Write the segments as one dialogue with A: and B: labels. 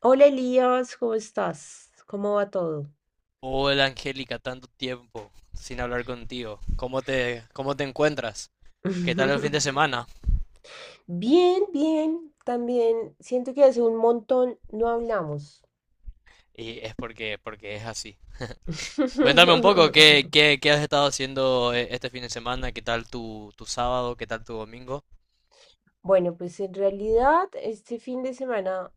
A: Hola Elías, ¿cómo estás? ¿Cómo va todo?
B: Hola Angélica, tanto tiempo sin hablar contigo. ¿Cómo te encuentras? ¿Qué tal el fin de semana?
A: Bien, bien, también siento que hace un montón no hablamos.
B: Y es porque es así. Cuéntame un poco, ¿qué, qué, qué has estado haciendo este fin de semana? ¿Qué tal tu sábado? ¿Qué tal tu domingo?
A: Bueno, pues en realidad este fin de semana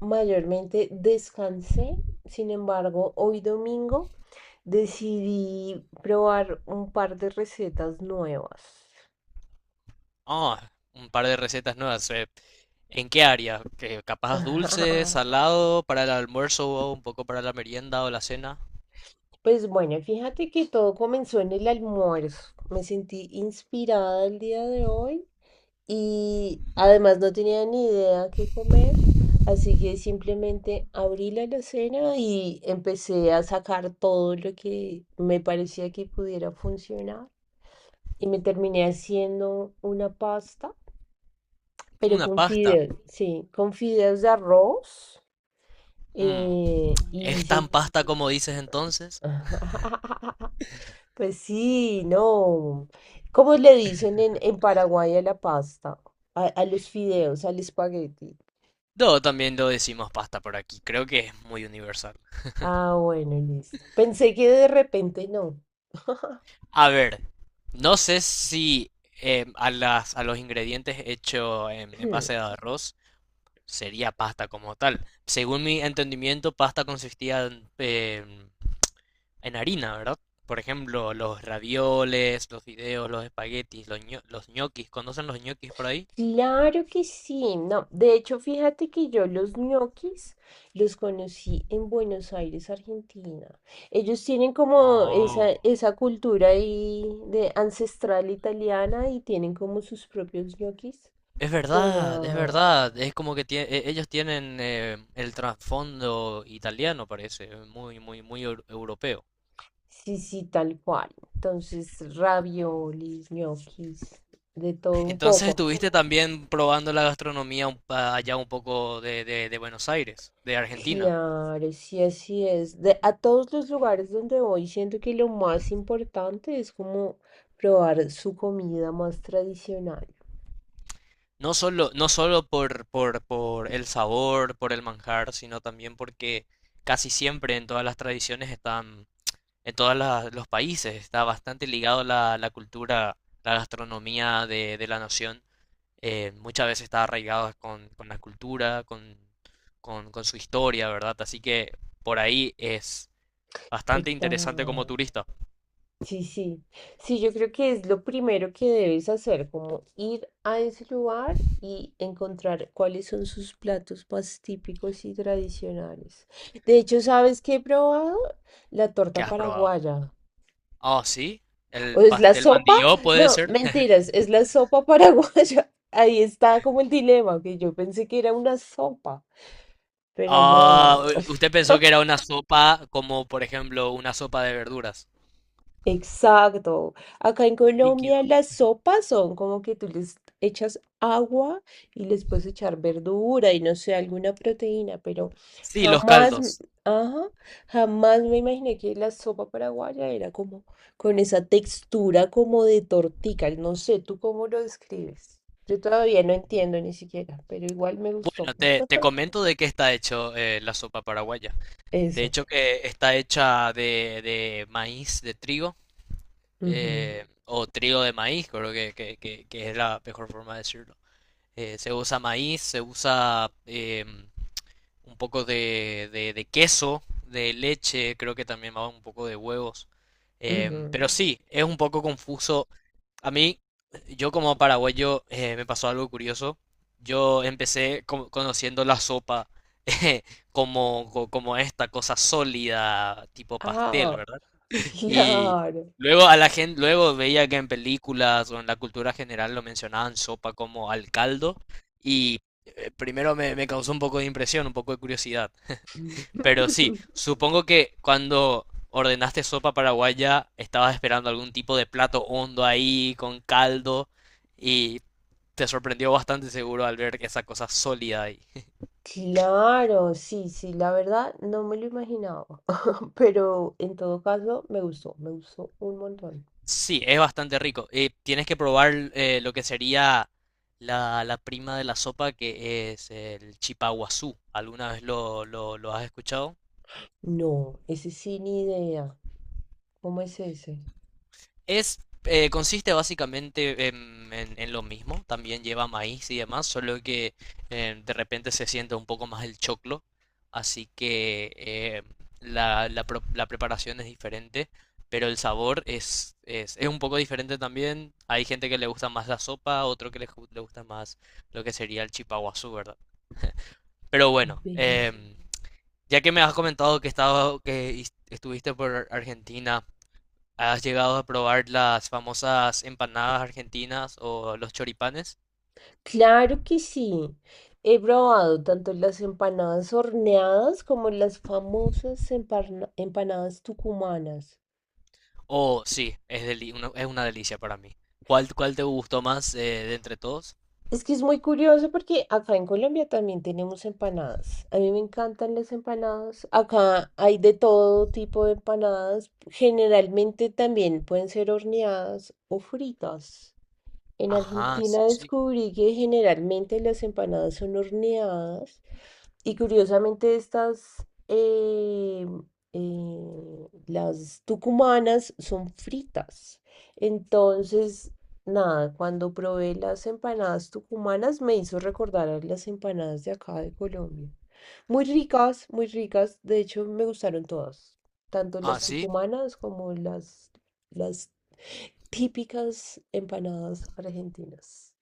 A: mayormente descansé, sin embargo, hoy domingo decidí probar un par de recetas nuevas.
B: Ah, un par de recetas nuevas. ¿En qué área? ¿Que capaz dulce, salado, para el almuerzo o un poco para la merienda o la cena?
A: Pues bueno, fíjate que todo comenzó en el almuerzo. Me sentí inspirada el día de hoy y además no tenía ni idea qué comer, así que simplemente abrí la alacena y empecé a sacar todo lo que me parecía que pudiera funcionar y me terminé haciendo una pasta, pero
B: Una
A: con
B: pasta.
A: fideos, sí, con fideos de arroz
B: Mm,
A: y
B: ¿es
A: hice.
B: tan pasta como dices entonces?
A: Pues sí, no. ¿Cómo le dicen en Paraguay a la pasta? A los fideos, al espagueti.
B: No, también lo decimos pasta por aquí. Creo que es muy universal.
A: Ah, bueno, listo. Pensé que de repente no.
B: A ver, no sé si a los ingredientes hechos en base de arroz sería pasta como tal. Según mi entendimiento, pasta consistía en, en harina, ¿verdad? Por ejemplo, los ravioles, los fideos, los espaguetis, los, los ñoquis. ¿Conocen los ñoquis por ahí?
A: Claro que sí, no. De hecho, fíjate que yo los ñoquis los conocí en Buenos Aires, Argentina. Ellos tienen como esa,
B: Oh.
A: esa cultura ahí de ancestral italiana y tienen como sus propios ñoquis.
B: Es verdad, es
A: Pero
B: verdad. Es como que ellos tienen el trasfondo italiano, parece, muy, muy, muy europeo.
A: sí, sí, tal cual. Entonces, raviolis, ñoquis, de todo un
B: Entonces
A: poco.
B: estuviste también probando la gastronomía un allá un poco de, de Buenos Aires, de Argentina.
A: Claro, sí, así es. De, a todos los lugares donde voy, siento que lo más importante es como probar su comida más tradicional.
B: No solo, no solo por el sabor, por el manjar, sino también porque casi siempre en todas las tradiciones están, en todos los países, está bastante ligado la, la cultura, la gastronomía de la nación muchas veces está arraigado con la cultura, con su historia, ¿verdad? Así que por ahí es bastante interesante como
A: Total.
B: turista.
A: Sí, sí. Sí, yo creo que es lo primero que debes hacer, como ir a ese lugar y encontrar cuáles son sus platos más típicos y tradicionales. De hecho, ¿sabes qué he probado? La
B: ¿Qué
A: torta
B: has probado?
A: paraguaya.
B: Ah, sí,
A: ¿O
B: el
A: es la
B: pastel
A: sopa?
B: mandilló puede
A: No,
B: ser.
A: mentiras, es la sopa paraguaya. Ahí está como el dilema, que yo pensé que era una sopa, pero
B: Ah,
A: no.
B: usted pensó que era una sopa como, por ejemplo, una sopa de verduras.
A: Exacto. Acá en Colombia
B: Líquido.
A: las sopas son como que tú les echas agua y les puedes echar verdura y no sé, alguna proteína, pero
B: Sí, los
A: jamás,
B: caldos.
A: ajá, jamás me imaginé que la sopa paraguaya era como con esa textura como de tortica. No sé, ¿tú cómo lo describes? Yo todavía no entiendo ni siquiera, pero igual me gustó.
B: Bueno, te comento de qué está hecho la sopa paraguaya. De
A: Eso.
B: hecho, que está hecha de maíz, de trigo.
A: Ujú,
B: O trigo de maíz, creo que, que es la mejor forma de decirlo. Se usa maíz, se usa un poco de, de queso, de leche, creo que también va un poco de huevos. Em,
A: ujú.
B: pero sí, es un poco confuso. A mí, yo como paraguayo, me pasó algo curioso. Yo empecé conociendo la sopa como, como esta cosa sólida, tipo pastel,
A: Ah,
B: ¿verdad? Y
A: claro.
B: luego a la gente, luego veía que en películas o en la cultura general lo mencionaban sopa como al caldo. Y primero me, me causó un poco de impresión, un poco de curiosidad. Pero sí, supongo que cuando ordenaste sopa paraguaya, estabas esperando algún tipo de plato hondo ahí, con caldo, y te sorprendió bastante seguro al ver esa cosa sólida ahí.
A: Claro, sí, sí, la verdad no me lo imaginaba, pero en todo caso me gustó un montón.
B: Sí, es bastante rico. Tienes que probar lo que sería la, la prima de la sopa, que es el chipaguazú. ¿Alguna vez lo, lo has escuchado?
A: No, ese sí ni idea. ¿Cómo es ese?
B: Es, consiste básicamente en, en lo mismo, también lleva maíz y demás, solo que de repente se siente un poco más el choclo, así que la, la preparación es diferente, pero el sabor es un poco diferente también. Hay gente que le gusta más la sopa, otro que le, le gusta más lo que sería el chipaguazú, ¿verdad? Pero bueno,
A: Ve.
B: ya que me has comentado que, estaba, que estuviste por Argentina, ¿has llegado a probar las famosas empanadas argentinas o los choripanes?
A: Claro que sí. He probado tanto las empanadas horneadas como las famosas empanadas tucumanas.
B: Oh, sí, es, es una delicia para mí. ¿Cuál te gustó más de entre todos?
A: Es que es muy curioso porque acá en Colombia también tenemos empanadas. A mí me encantan las empanadas. Acá hay de todo tipo de empanadas. Generalmente también pueden ser horneadas o fritas. En
B: Ajá, sí,
A: Argentina
B: sí.
A: descubrí que generalmente las empanadas son horneadas y curiosamente estas, las tucumanas son fritas. Entonces, nada, cuando probé las empanadas tucumanas me hizo recordar a las empanadas de acá de Colombia. Muy ricas, muy ricas. De hecho, me gustaron todas, tanto
B: Ah,
A: las
B: sí.
A: tucumanas como las típicas empanadas argentinas.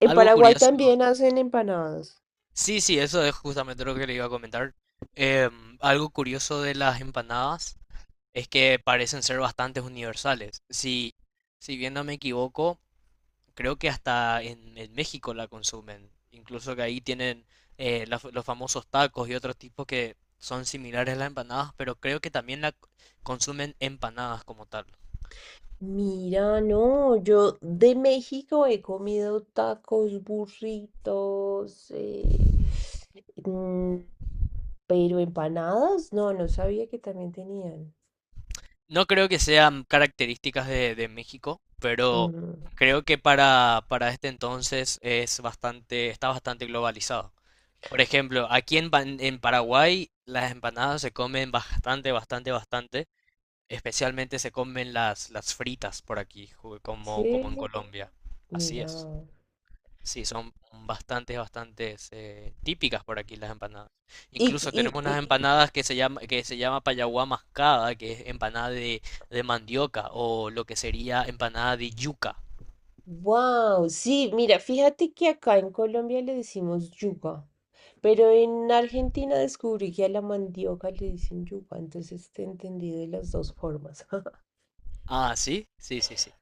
A: En
B: Algo
A: Paraguay
B: curioso.
A: también hacen empanadas.
B: Sí, sí, eso es justamente lo que le iba a comentar. Em, algo curioso de las empanadas es que parecen ser bastante universales. Si, si bien no me equivoco, creo que hasta en México la consumen. Incluso que ahí tienen los famosos tacos y otros tipos que son similares a las empanadas, pero creo que también la consumen empanadas como tal.
A: Mira, no, yo de México he comido tacos, burritos, mm, pero empanadas, no, no sabía que también tenían.
B: No creo que sean características de México, pero
A: Ujú.
B: creo que para este entonces es bastante, está bastante globalizado. Por ejemplo, aquí en, en Paraguay las empanadas se comen bastante, bastante, bastante. Especialmente se comen las fritas por aquí, como, como en
A: Sí,
B: Colombia. Así es.
A: mira.
B: Sí, son bastantes, bastantes típicas por aquí las empanadas.
A: Y,
B: Incluso
A: y,
B: tenemos unas
A: y,
B: empanadas que se llama payaguá mascada, que es empanada de mandioca, o lo que sería empanada de yuca.
A: wow, sí, mira, fíjate que acá en Colombia le decimos yuca. Pero en Argentina descubrí que a la mandioca le dicen yuca, entonces te entendí de las dos formas.
B: Ah, sí, sí, sí, sí.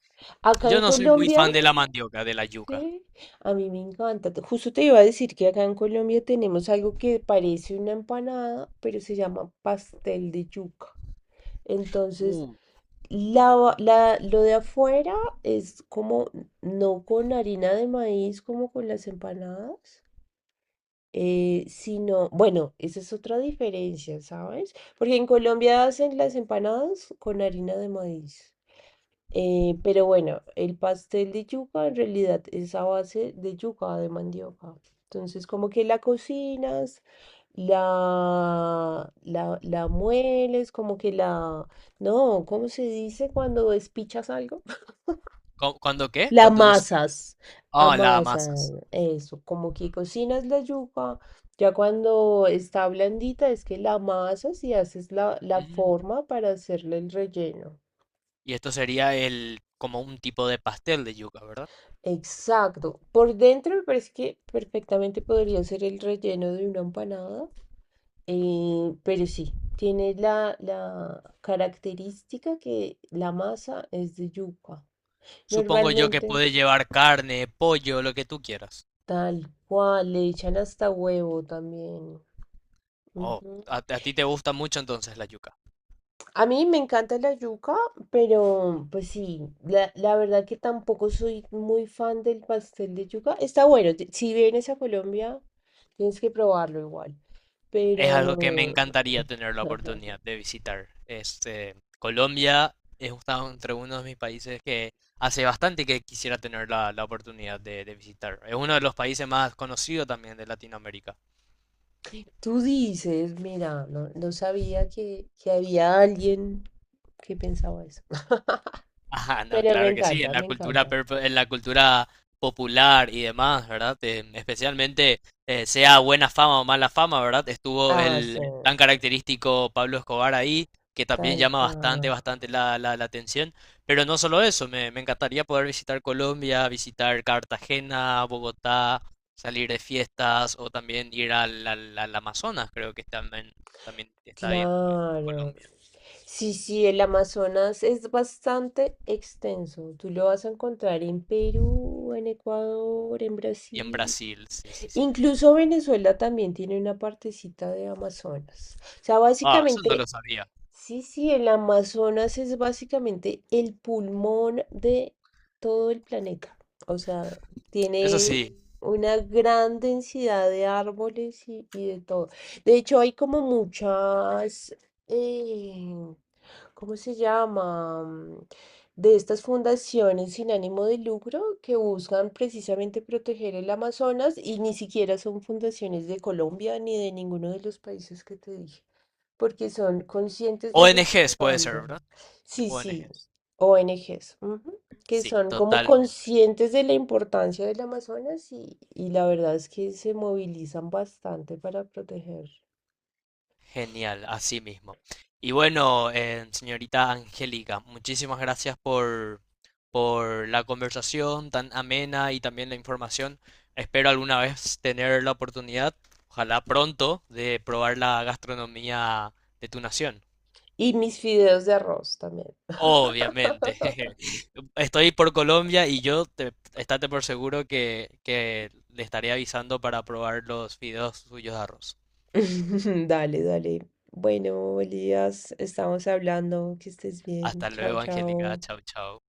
A: Acá
B: Yo
A: en
B: no soy muy
A: Colombia,
B: fan de la mandioca, de la yuca.
A: sí, a mí me encanta. Te- justo te iba a decir que acá en Colombia tenemos algo que parece una empanada, pero se llama pastel de yuca. Entonces,
B: Uh,
A: lo de afuera es como no con harina de maíz, como con las empanadas. Sino, bueno, esa es otra diferencia, ¿sabes? Porque en Colombia hacen las empanadas con harina de maíz. Pero bueno, el pastel de yuca en realidad es a base de yuca, de mandioca. Entonces, como que la cocinas, la mueles, como que la... No, ¿cómo se dice cuando despichas algo?
B: ¿Cuándo qué?
A: La
B: Cuando des...
A: amasas,
B: Ah, la amasas.
A: amasan, eso, como que cocinas la yuca, ya cuando está blandita es que la amasas y haces la
B: Mm.
A: forma para hacerle el relleno.
B: Y esto sería el como un tipo de pastel de yuca, ¿verdad?
A: Exacto, por dentro me parece que perfectamente podría ser el relleno de una empanada, pero sí, tiene la característica que la masa es de yuca.
B: Supongo yo que
A: Normalmente,
B: puede llevar carne, pollo, lo que tú quieras.
A: tal cual, le echan hasta huevo también.
B: Oh,
A: Ujú.
B: a ti te gusta mucho entonces la yuca.
A: A mí me encanta la yuca, pero pues sí, la verdad que tampoco soy muy fan del pastel de yuca. Está bueno, te- si vienes a Colombia, tienes que probarlo igual.
B: Es algo que me
A: Pero
B: encantaría tener la oportunidad de visitar. Este, Colombia es entre uno de mis países que hace bastante que quisiera tener la, la oportunidad de visitar. Es uno de los países más conocidos también de Latinoamérica.
A: tú dices, mira, no, no sabía que había alguien que pensaba eso.
B: Ajá, no,
A: Pero me
B: claro que sí, en
A: encanta,
B: la
A: me
B: cultura
A: encanta.
B: en la cultura popular y demás, ¿verdad? Especialmente sea buena fama o mala fama, ¿verdad? Estuvo
A: Ah, sí,
B: el tan característico Pablo Escobar ahí, que también
A: tal
B: llama bastante,
A: cual.
B: bastante la, la atención. Pero no solo eso, me encantaría poder visitar Colombia, visitar Cartagena, Bogotá, salir de fiestas o también ir al, al Amazonas, creo que también, también está ahí en
A: Claro.
B: Colombia
A: Sí, sí, el Amazonas es bastante extenso. Tú lo vas a encontrar en Perú, en Ecuador, en
B: y en
A: Brasil.
B: Brasil, sí, sí, sí.
A: Incluso Venezuela también tiene una partecita de Amazonas. O sea,
B: Ah, eso no
A: básicamente,
B: lo sabía.
A: sí, sí, el Amazonas es básicamente el pulmón de todo el planeta. O sea,
B: Eso
A: tiene
B: sí.
A: una gran densidad de árboles y de todo. De hecho, hay como muchas, eh, ¿cómo se llama? Mm, de estas fundaciones sin ánimo de lucro que buscan precisamente proteger el Amazonas y ni siquiera son fundaciones de Colombia ni de ninguno de los países que te dije, porque son conscientes de lo
B: ¿ONGs puede ser,
A: importante.
B: ¿verdad?
A: Sí, sí,
B: ONGs.
A: ONGs que
B: Sí,
A: son como
B: totalmente.
A: conscientes de la importancia del Amazonas y la verdad es que se movilizan bastante para proteger.
B: Genial, así mismo. Y bueno, señorita Angélica, muchísimas gracias por la conversación tan amena y también la información. Espero alguna vez tener la oportunidad, ojalá pronto, de probar la gastronomía de tu nación.
A: Y mis fideos de arroz también.
B: Obviamente. Estoy por Colombia y yo te, estate por seguro que le estaré avisando para probar los fideos suyos de arroz.
A: Dale, dale. Bueno, Elías, estamos hablando. Que estés bien.
B: Hasta
A: Chao,
B: luego, Angélica.
A: chao.
B: Chau, chau.